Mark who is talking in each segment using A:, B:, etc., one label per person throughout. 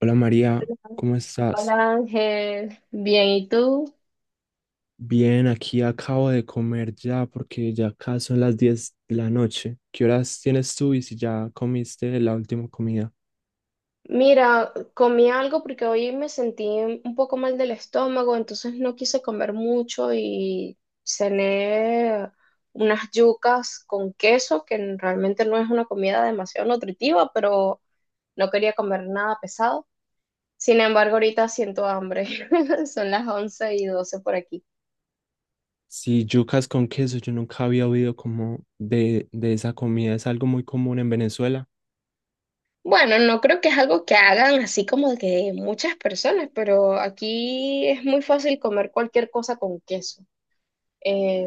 A: Hola María, ¿cómo
B: Hola
A: estás?
B: Ángel, bien, ¿y tú?
A: Bien, aquí acabo de comer ya porque ya acá son las 10 de la noche. ¿Qué horas tienes tú y si ya comiste la última comida?
B: Mira, comí algo porque hoy me sentí un poco mal del estómago, entonces no quise comer mucho y cené unas yucas con queso, que realmente no es una comida demasiado nutritiva, pero no quería comer nada pesado. Sin embargo, ahorita siento hambre. Son las 11:12 por aquí.
A: Si yucas con queso, yo nunca había oído como de esa comida. Es algo muy común en Venezuela.
B: Bueno, no creo que es algo que hagan así como de que muchas personas, pero aquí es muy fácil comer cualquier cosa con queso. Eh,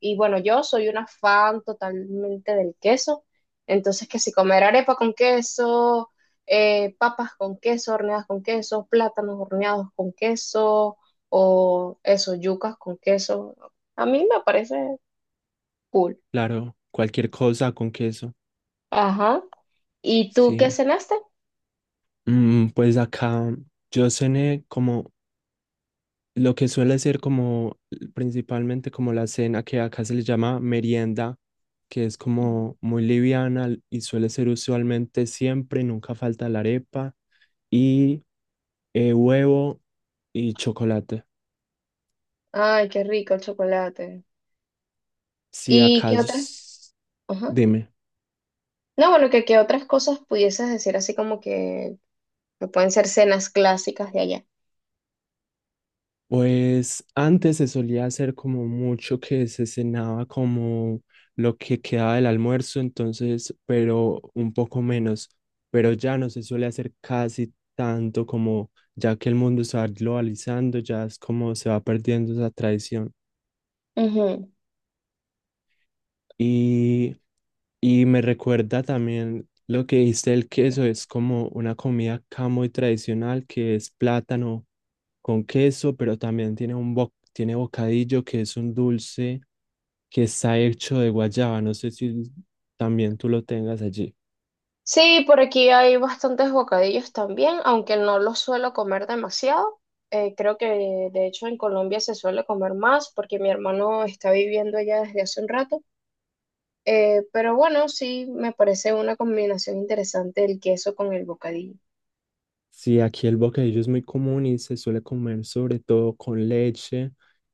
B: y bueno, yo soy una fan totalmente del queso, entonces que si comer arepa con queso, papas con queso, horneadas con queso, plátanos horneados con queso, o eso, yucas con queso, a mí me parece cool.
A: Claro, cualquier cosa con queso.
B: Ajá. ¿Y tú
A: Sí.
B: qué cenaste?
A: Pues acá yo cené como lo que suele ser como principalmente como la cena que acá se le llama merienda, que es
B: Ujú.
A: como muy liviana y suele ser usualmente siempre, nunca falta la arepa y huevo y chocolate.
B: Ay, qué rico el chocolate.
A: Si
B: ¿Y qué
A: acaso,
B: otras? Ajá.
A: dime.
B: No, bueno, que otras cosas pudieses decir así como que pueden ser cenas clásicas de allá.
A: Pues antes se solía hacer como mucho que se cenaba como lo que quedaba del almuerzo, entonces, pero un poco menos, pero ya no se suele hacer casi tanto como ya que el mundo se va globalizando, ya es como se va perdiendo esa tradición.
B: Ujú.
A: Y, y me recuerda también lo que dijiste del queso, es como una comida acá muy tradicional que es plátano con queso, pero también tiene tiene bocadillo que es un dulce que está hecho de guayaba. No sé si también tú lo tengas allí.
B: Sí, por aquí hay bastantes bocadillos también, aunque no los suelo comer demasiado. Creo que de hecho en Colombia se suele comer más porque mi hermano está viviendo allá desde hace un rato. Pero bueno, sí, me parece una combinación interesante el queso con el bocadillo.
A: Sí, aquí el bocadillo es muy común y se suele comer sobre todo con leche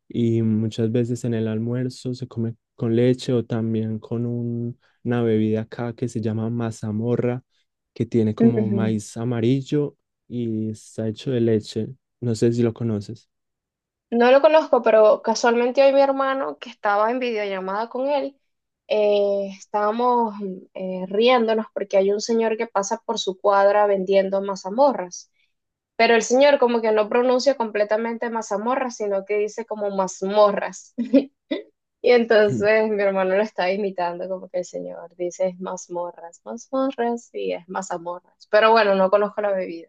A: y muchas veces en el almuerzo se come con leche o también con una bebida acá que se llama mazamorra, que tiene como
B: Ujú.
A: maíz amarillo y está hecho de leche. No sé si lo conoces.
B: No lo conozco, pero casualmente hoy mi hermano, que estaba en videollamada con él, estábamos riéndonos porque hay un señor que pasa por su cuadra vendiendo mazamorras. Pero el señor como que no pronuncia completamente mazamorras, sino que dice como mazmorras. Y entonces mi hermano lo está imitando, como que el señor dice es mazmorras, mazmorras y es mazamorras. Pero bueno, no conozco la bebida.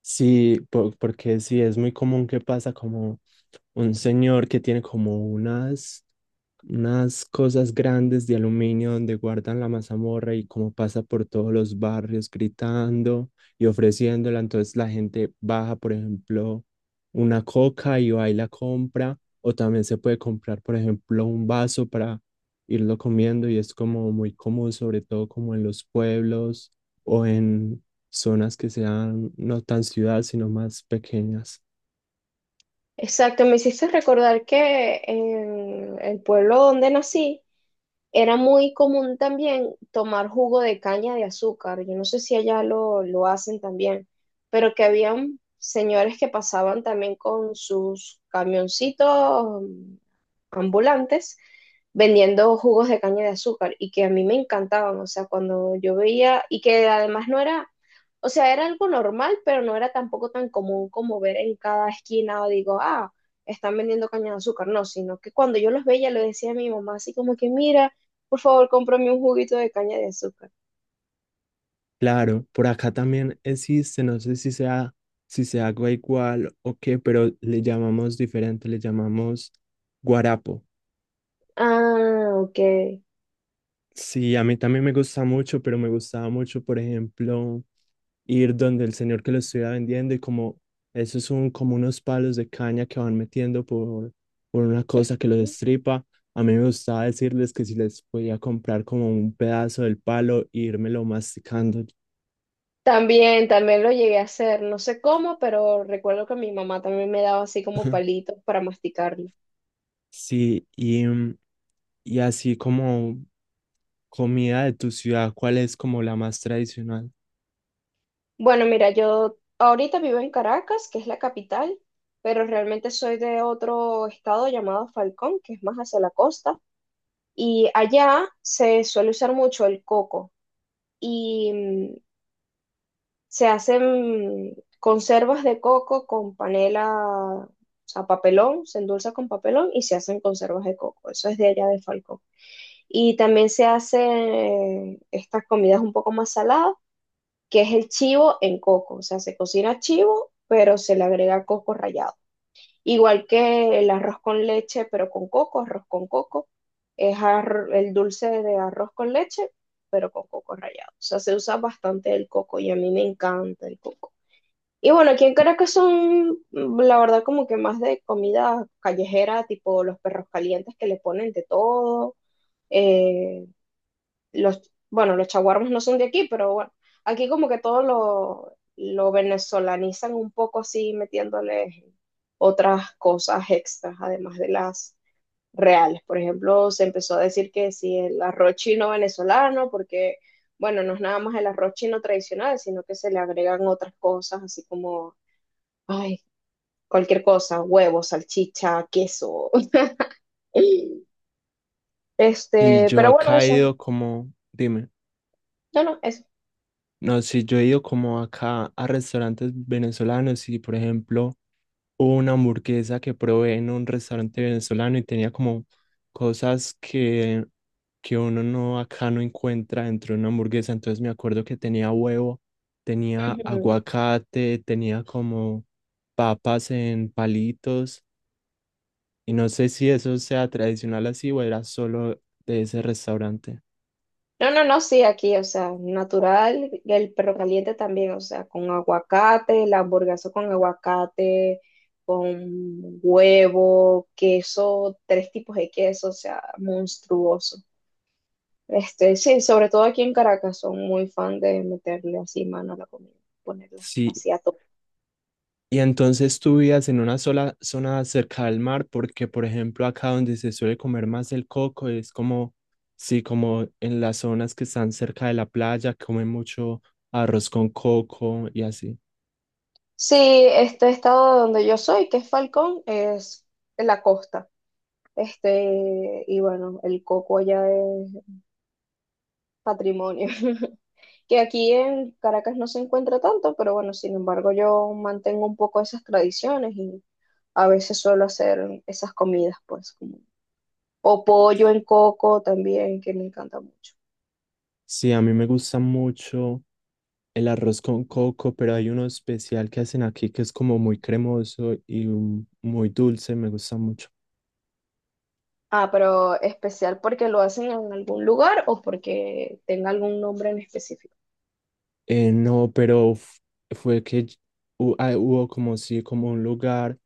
A: Sí, porque sí, es muy común que pasa como un señor que tiene como unas cosas grandes de aluminio donde guardan la mazamorra y como pasa por todos los barrios gritando y ofreciéndola. Entonces la gente baja, por ejemplo, una coca y va y la compra. O también se puede comprar, por ejemplo, un vaso para irlo comiendo y es como muy común, sobre todo como en los pueblos o en zonas que sean no tan ciudad, sino más pequeñas.
B: Exacto, me hiciste recordar que en el pueblo donde nací, era muy común también tomar jugo de caña de azúcar. Yo no sé si allá lo hacen también, pero que habían señores que pasaban también con sus camioncitos ambulantes vendiendo jugos de caña de azúcar y que a mí me encantaban, o sea, cuando yo veía y que además no era, o sea, era algo normal, pero no era tampoco tan común como ver en cada esquina o digo, ah, están vendiendo caña de azúcar, no, sino que cuando yo los veía le decía a mi mamá así como que, mira, por favor, cómprame un juguito de caña de azúcar.
A: Claro, por acá también existe, no sé si se haga igual o qué, pero le llamamos diferente, le llamamos guarapo.
B: Ah, ok.
A: Sí, a mí también me gusta mucho, pero me gustaba mucho, por ejemplo, ir donde el señor que lo estuviera vendiendo y como esos son como unos palos de caña que van metiendo por una cosa que los destripa. A mí me gustaba decirles que si les podía comprar como un pedazo del palo e írmelo masticando.
B: También, también lo llegué a hacer. No sé cómo, pero recuerdo que mi mamá también me daba así como palitos para masticarlo.
A: Sí, y y así como comida de tu ciudad, ¿cuál es como la más tradicional?
B: Bueno, mira, yo ahorita vivo en Caracas, que es la capital, pero realmente soy de otro estado llamado Falcón, que es más hacia la costa. Y allá se suele usar mucho el coco. Y se hacen conservas de coco con panela, o sea, papelón, se endulza con papelón y se hacen conservas de coco. Eso es de allá de Falcón. Y también se hacen estas comidas un poco más saladas, que es el chivo en coco. O sea, se cocina chivo, pero se le agrega coco rallado. Igual que el arroz con leche, pero con coco, arroz con coco. Es ar- el dulce de arroz con leche, pero con coco rallado. O sea, se usa bastante el coco y a mí me encanta el coco. Y bueno, aquí en Caracas son, la verdad, como que más de comida callejera, tipo los perros calientes que le ponen de todo. eh, bueno, los chaguarmas no son de aquí, pero bueno, aquí como que todo lo venezolanizan un poco así, metiéndole otras cosas extras, además de las reales. Por ejemplo, se empezó a decir que si el arroz chino venezolano, porque, bueno, no es nada más el arroz chino tradicional, sino que se le agregan otras cosas, así como Ay, cualquier cosa, huevos, salchicha, queso.
A: Si yo
B: Pero bueno,
A: acá he
B: eso,
A: ido como, dime,
B: no, no, eso.
A: no, si yo he ido como acá a restaurantes venezolanos y por ejemplo hubo una hamburguesa que probé en un restaurante venezolano y tenía como cosas que uno no acá no encuentra dentro de una hamburguesa, entonces me acuerdo que tenía huevo, tenía
B: Ujú.
A: aguacate, tenía como papas en palitos. Y no sé si eso sea tradicional así o era solo de ese restaurante.
B: No, no, no, sí, aquí, o sea, natural, y el perro caliente también, o sea, con aguacate, la hamburguesa con aguacate, con huevo, queso, tres tipos de queso, o sea, monstruoso. Sí, sobre todo aquí en Caracas son muy fan de meterle así mano a la comida, ponerla
A: Sí,
B: así a tope.
A: y entonces tú vivías en una sola zona cerca del mar, porque por ejemplo acá donde se suele comer más el coco es como, sí, como en las zonas que están cerca de la playa, comen mucho arroz con coco y así.
B: Sí, este estado donde yo soy, que es Falcón, es en la costa. Y bueno, el coco allá es patrimonio. Que aquí en Caracas no se encuentra tanto, pero bueno, sin embargo, yo mantengo un poco esas tradiciones y a veces suelo hacer esas comidas, pues, como, o pollo en coco también, que me encanta mucho.
A: Sí, a mí me gusta mucho el arroz con coco, pero hay uno especial que hacen aquí que es como muy cremoso y muy dulce, me gusta mucho.
B: Ah, pero especial porque lo hacen en algún lugar o porque tenga algún nombre en específico.
A: No, pero f- fue que ll- hu- ah, hubo como sí, como un lugar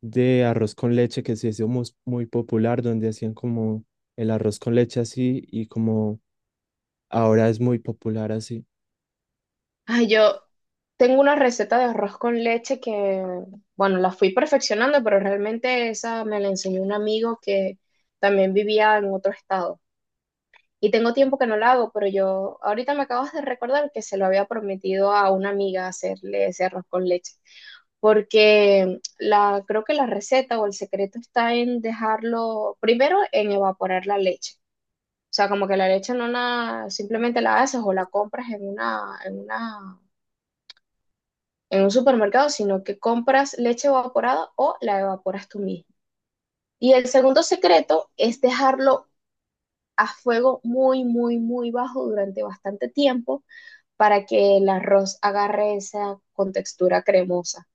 A: de arroz con leche que se hizo muy popular, donde hacían como el arroz con leche así y como ahora es muy popular así.
B: Ay, yo tengo una receta de arroz con leche que, bueno, la fui perfeccionando, pero realmente esa me la enseñó un amigo que también vivía en otro estado. Y tengo tiempo que no la hago, pero yo ahorita me acabas de recordar que se lo había prometido a una amiga hacerle ese arroz con leche, porque la, creo que la receta o el secreto está en dejarlo primero en evaporar la leche. O sea, como que la leche no la, simplemente la haces o la compras en un supermercado, sino que compras leche evaporada o la evaporas tú mismo. Y el segundo secreto es dejarlo a fuego muy, muy, muy bajo durante bastante tiempo para que el arroz agarre esa contextura cremosa.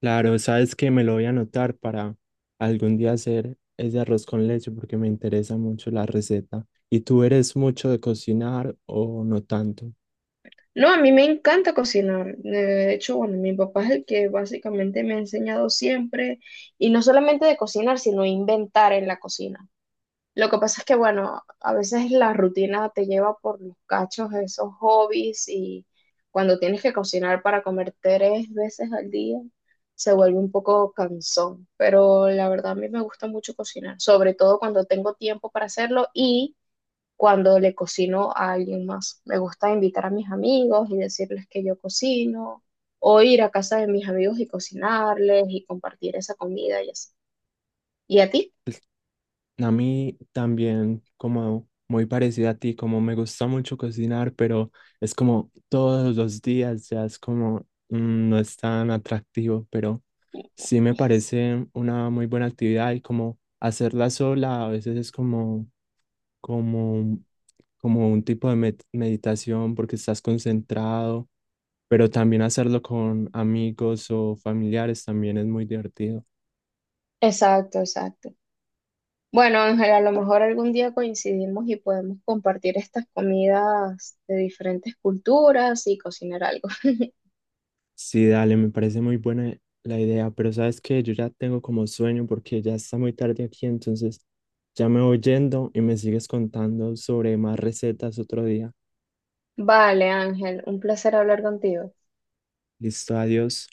A: Claro, sabes que me lo voy a anotar para algún día hacer ese arroz con leche porque me interesa mucho la receta. ¿Y tú eres mucho de cocinar o no tanto?
B: No, a mí me encanta cocinar. De hecho, bueno, mi papá es el que básicamente me ha enseñado siempre, y no solamente de cocinar, sino inventar en la cocina. Lo que pasa es que, bueno, a veces la rutina te lleva por los cachos esos hobbies y cuando tienes que cocinar para comer tres veces al día, se vuelve un poco cansón. Pero la verdad a mí me gusta mucho cocinar, sobre todo cuando tengo tiempo para hacerlo y cuando le cocino a alguien más. Me gusta invitar a mis amigos y decirles que yo cocino o ir a casa de mis amigos y cocinarles y compartir esa comida y así. ¿Y a ti?
A: A mí también, como muy parecida a ti, como me gusta mucho cocinar, pero es como todos los días, ya es como no es tan atractivo, pero sí me parece una muy buena actividad y como hacerla sola a veces es como, como, como un tipo de meditación porque estás concentrado, pero también hacerlo con amigos o familiares también es muy divertido.
B: Exacto, exacto. Bueno, Ángel, a lo mejor algún día coincidimos y podemos compartir estas comidas de diferentes culturas y cocinar algo.
A: Sí, dale, me parece muy buena la idea, pero sabes que yo ya tengo como sueño porque ya está muy tarde aquí, entonces ya me voy yendo y me sigues contando sobre más recetas otro día.
B: Vale, Ángel, un placer hablar contigo.
A: Listo, adiós.